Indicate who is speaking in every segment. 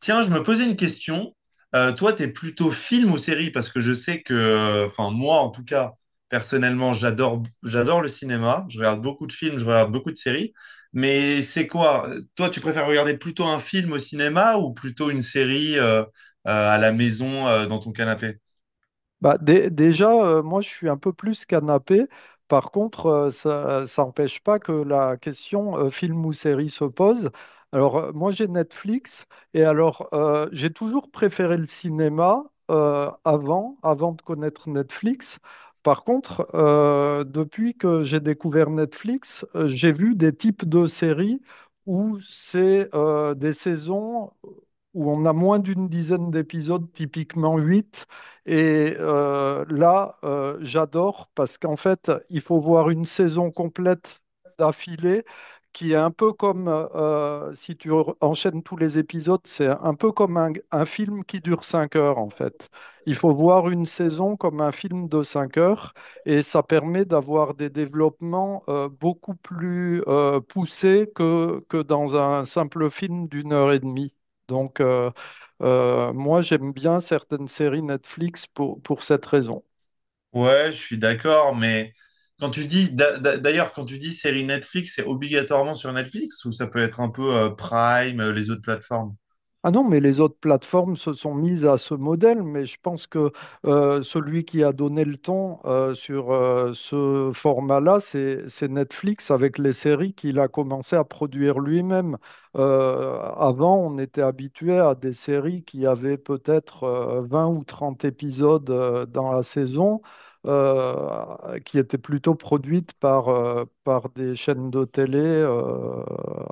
Speaker 1: Tiens, je me posais une question. Toi, t'es plutôt film ou série? Parce que je sais que, enfin, moi, en tout cas, personnellement, j'adore le cinéma. Je regarde beaucoup de films, je regarde beaucoup de séries. Mais c'est quoi? Toi, tu préfères regarder plutôt un film au cinéma ou plutôt une série à la maison, dans ton canapé?
Speaker 2: Bah, déjà, moi, je suis un peu plus canapé. Par contre, ça n'empêche pas que la question film ou série se pose. Alors, moi, j'ai Netflix et alors, j'ai toujours préféré le cinéma avant de connaître Netflix. Par contre, depuis que j'ai découvert Netflix, j'ai vu des types de séries où c'est des saisons où on a moins d'une dizaine d'épisodes, typiquement 8. Et là, j'adore parce qu'en fait, il faut voir une saison complète d'affilée qui est un peu comme, si tu enchaînes tous les épisodes, c'est un peu comme un film qui dure 5 heures en fait. Il faut voir une saison comme un film de 5 heures et ça permet d'avoir des développements beaucoup plus poussés que dans un simple film d'une heure et demie. Donc, moi, j'aime bien certaines séries Netflix pour cette raison.
Speaker 1: Ouais, je suis d'accord, mais quand tu dis, d'ailleurs, quand tu dis série Netflix, c'est obligatoirement sur Netflix ou ça peut être un peu Prime, les autres plateformes?
Speaker 2: Ah non, mais les autres plateformes se sont mises à ce modèle, mais je pense que celui qui a donné le ton sur ce format-là, c'est Netflix avec les séries qu'il a commencé à produire lui-même. Avant, on était habitué à des séries qui avaient peut-être 20 ou 30 épisodes dans la saison, qui étaient plutôt produites par des chaînes de télé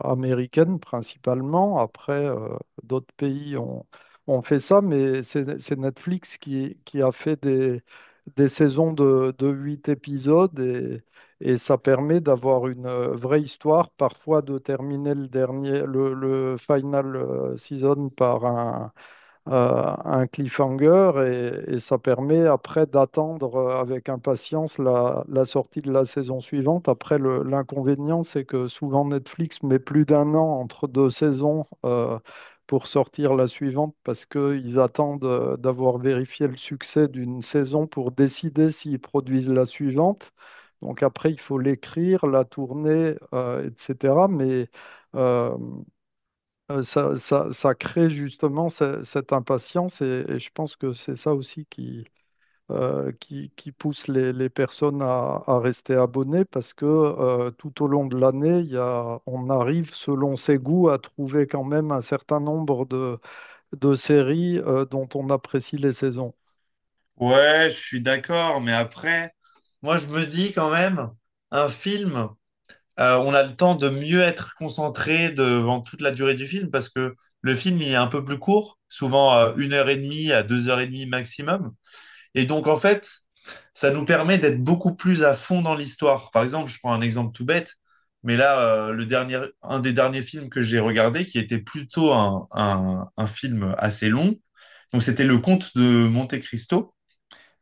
Speaker 2: américaines principalement. Après, d'autres pays ont fait ça, mais c'est Netflix qui a fait des saisons de 8 épisodes et ça permet d'avoir une vraie histoire, parfois de terminer le dernier, le final season par un cliffhanger et ça permet après d'attendre avec impatience la sortie de la saison suivante. Après, l'inconvénient, c'est que souvent Netflix met plus d'un an entre deux saisons pour sortir la suivante parce qu'ils attendent d'avoir vérifié le succès d'une saison pour décider s'ils produisent la suivante. Donc après, il faut l'écrire, la tourner, etc. Mais euh, ça crée justement cette impatience et je pense que c'est ça aussi qui pousse les personnes à rester abonnées parce que tout au long de l'année, il y a, on arrive selon ses goûts à trouver quand même un certain nombre de séries dont on apprécie les saisons.
Speaker 1: Ouais, je suis d'accord, mais après, moi je me dis quand même, un film, on a le temps de mieux être concentré devant toute la durée du film parce que le film il est un peu plus court, souvent une heure et demie à deux heures et demie maximum. Et donc, en fait, ça nous permet d'être beaucoup plus à fond dans l'histoire. Par exemple, je prends un exemple tout bête, mais là, le dernier, un des derniers films que j'ai regardé, qui était plutôt un film assez long, donc c'était Le Comte de Monte Cristo.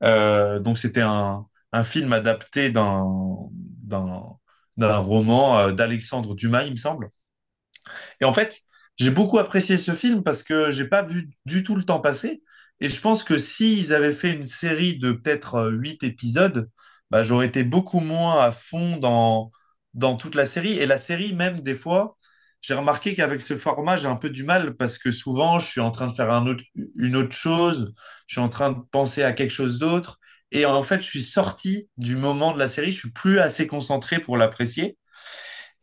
Speaker 1: Donc c'était un film adapté d'un d'un roman d'Alexandre Dumas, il me semble. Et en fait, j'ai beaucoup apprécié ce film parce que j'ai pas vu du tout le temps passer. Et je pense que s'ils avaient fait une série de peut-être huit épisodes, bah, j'aurais été beaucoup moins à fond dans toute la série. Et la série, même des fois, j'ai remarqué qu'avec ce format, j'ai un peu du mal parce que souvent, je suis en train de faire une autre chose, je suis en train de penser à quelque chose d'autre. Et en fait, je suis sorti du moment de la série, je suis plus assez concentré pour l'apprécier.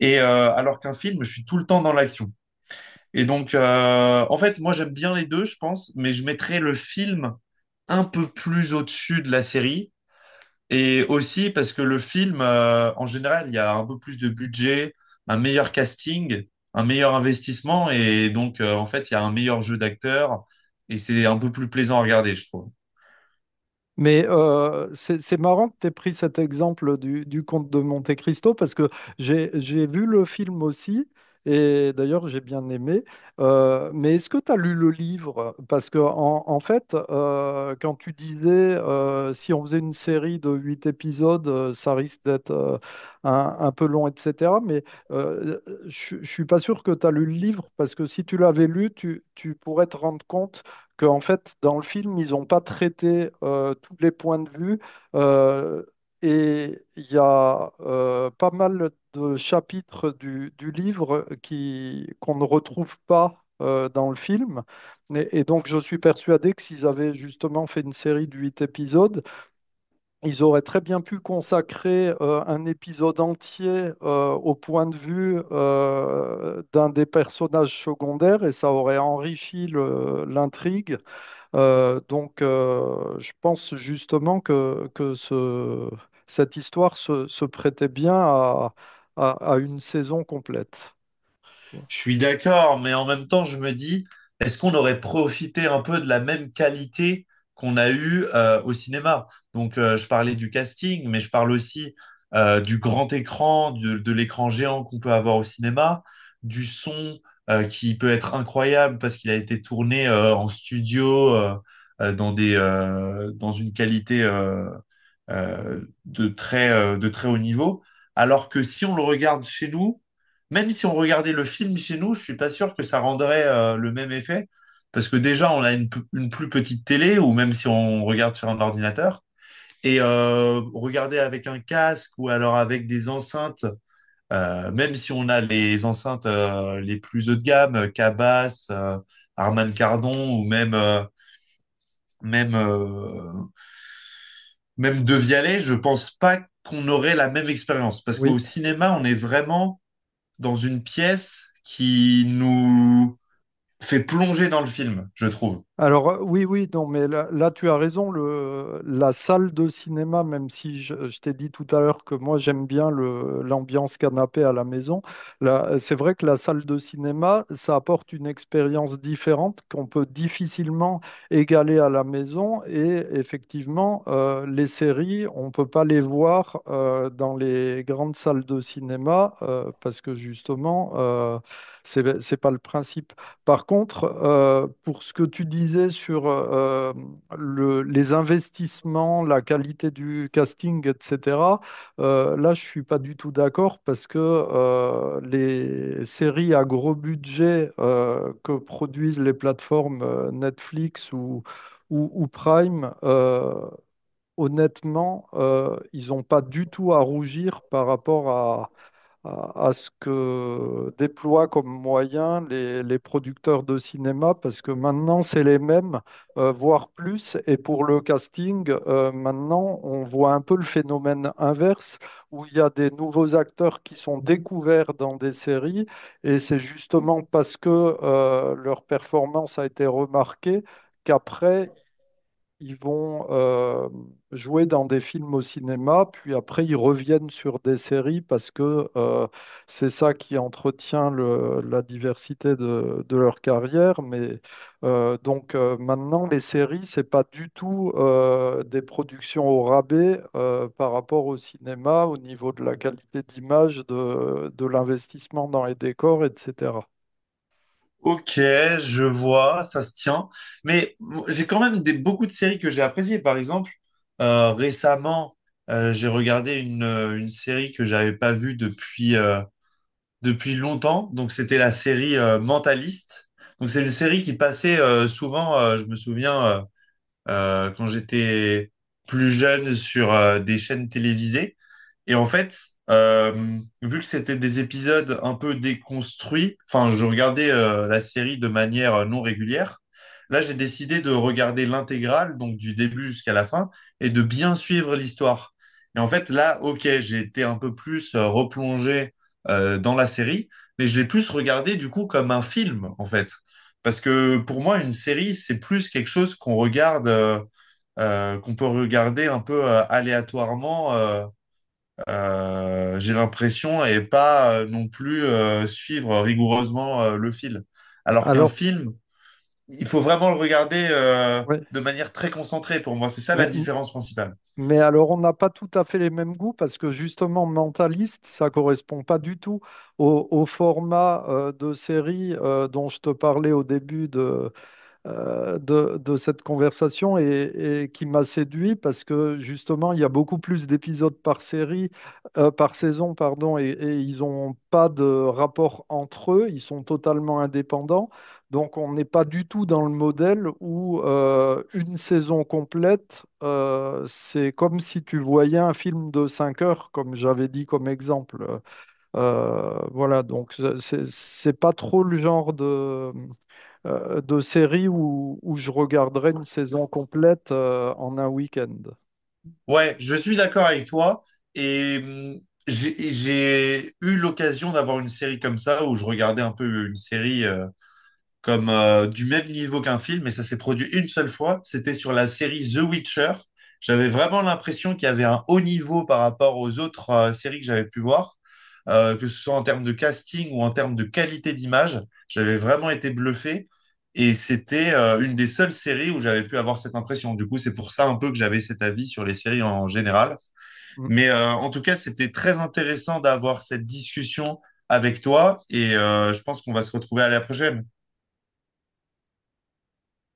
Speaker 1: Et alors qu'un film, je suis tout le temps dans l'action. Et donc, en fait, moi j'aime bien les deux, je pense, mais je mettrais le film un peu plus au-dessus de la série. Et aussi parce que le film, en général, il y a un peu plus de budget, un meilleur casting, un meilleur investissement, et donc, en fait, il y a un meilleur jeu d'acteurs, et c'est un peu plus plaisant à regarder, je trouve.
Speaker 2: Mais c'est marrant que tu aies pris cet exemple du Comte de Monte-Cristo parce que j'ai vu le film aussi et d'ailleurs j'ai bien aimé. Mais est-ce que tu as lu le livre? Parce que en fait, quand tu disais si on faisait une série de huit épisodes, ça risque d'être un peu long, etc. Mais euh, je ne suis pas sûr que tu as lu le livre parce que si tu l'avais lu, tu pourrais te rendre compte que, en fait, dans le film, ils n'ont pas traité tous les points de vue. euh, et il y a pas mal de chapitres du livre qui, qu'on ne retrouve pas dans le film. Et donc, je suis persuadé que s'ils avaient justement fait une série de huit épisodes, ils auraient très bien pu consacrer un épisode entier au point de vue d'un des personnages secondaires et ça aurait enrichi l'intrigue donc, je pense justement que cette histoire se prêtait bien à une saison complète.
Speaker 1: Je suis d'accord, mais en même temps, je me dis, est-ce qu'on aurait profité un peu de la même qualité qu'on a eue au cinéma? Donc, je parlais du casting, mais je parle aussi du grand écran, de l'écran géant qu'on peut avoir au cinéma, du son qui peut être incroyable parce qu'il a été tourné en studio, dans des, dans une qualité de très haut niveau. Alors que si on le regarde chez nous, même si on regardait le film chez nous, je suis pas sûr que ça rendrait le même effet. Parce que déjà, on a une plus petite télé, ou même si on regarde sur un ordinateur. Et regarder avec un casque ou alors avec des enceintes, même si on a les enceintes les plus haut de gamme, Cabas, Harman Kardon ou même euh, même de Vialet, je pense pas qu'on aurait la même expérience. Parce qu'au
Speaker 2: Oui.
Speaker 1: cinéma, on est vraiment dans une pièce qui nous fait plonger dans le film, je trouve.
Speaker 2: Alors oui, oui, non, mais là, là, tu as raison, la salle de cinéma, même si je t'ai dit tout à l'heure que moi j'aime bien l'ambiance canapé à la maison, là, c'est vrai que la salle de cinéma, ça apporte une expérience différente qu'on peut difficilement égaler à la maison et effectivement, les séries, on ne peut pas les voir dans les grandes salles de cinéma parce que justement, c'est pas le principe. Par contre, pour ce que tu disais sur les investissements, la qualité du casting, etc., là, je suis pas du tout d'accord parce que les séries à gros budget que produisent les plateformes Netflix ou Prime, honnêtement, ils n'ont pas du tout à rougir par rapport à ce que déploient comme moyen les producteurs de cinéma, parce que maintenant, c'est les mêmes, voire plus. Et pour le casting, maintenant, on voit un peu le phénomène inverse, où il y a des nouveaux acteurs qui sont découverts dans des séries, et c'est justement parce que leur performance a été remarquée. Qu'après, ils vont jouer dans des films au cinéma, puis après ils reviennent sur des séries parce que c'est ça qui entretient la diversité de leur carrière. Mais donc maintenant, les séries, c'est pas du tout des productions au rabais par rapport au cinéma, au niveau de la qualité d'image, de l'investissement dans les décors, etc.
Speaker 1: Ok, je vois, ça se tient. Mais j'ai quand même beaucoup de séries que j'ai appréciées. Par exemple, récemment, j'ai regardé une série que j'avais pas vue depuis, depuis longtemps. Donc, c'était la série Mentaliste. Donc, c'est une série qui passait souvent, je me souviens, quand j'étais plus jeune sur des chaînes télévisées. Et en fait, vu que c'était des épisodes un peu déconstruits, enfin, je regardais la série de manière non régulière. Là, j'ai décidé de regarder l'intégrale, donc du début jusqu'à la fin, et de bien suivre l'histoire. Et en fait, là, ok, j'ai été un peu plus replongé dans la série, mais je l'ai plus regardé du coup comme un film, en fait. Parce que pour moi, une série, c'est plus quelque chose qu'on regarde, qu'on peut regarder un peu aléatoirement, j'ai l'impression, et pas non plus suivre rigoureusement le fil. Alors qu'un
Speaker 2: Alors,
Speaker 1: film, il faut vraiment le regarder
Speaker 2: ouais.
Speaker 1: de manière très concentrée pour moi. C'est ça la
Speaker 2: Mais,
Speaker 1: différence principale.
Speaker 2: Mais alors, on n'a pas tout à fait les mêmes goûts parce que justement, Mentaliste, ça correspond pas du tout au format de série dont je te parlais au début de cette conversation et qui m'a séduit parce que justement, il y a beaucoup plus d'épisodes par série, par saison, pardon, et ils n'ont pas de rapport entre eux, ils sont totalement indépendants. Donc, on n'est pas du tout dans le modèle où une saison complète, c'est comme si tu voyais un film de 5 heures, comme j'avais dit comme exemple. Voilà, donc c'est pas trop le genre de séries où je regarderais une saison complète en un week-end.
Speaker 1: Ouais, je suis d'accord avec toi. Et j'ai eu l'occasion d'avoir une série comme ça où je regardais un peu une série. Comme du même niveau qu'un film, mais ça s'est produit une seule fois. C'était sur la série The Witcher. J'avais vraiment l'impression qu'il y avait un haut niveau par rapport aux autres séries que j'avais pu voir, que ce soit en termes de casting ou en termes de qualité d'image. J'avais vraiment été bluffé. Et c'était une des seules séries où j'avais pu avoir cette impression. Du coup, c'est pour ça un peu que j'avais cet avis sur les séries en général. Mais en tout cas, c'était très intéressant d'avoir cette discussion avec toi. Et je pense qu'on va se retrouver à la prochaine.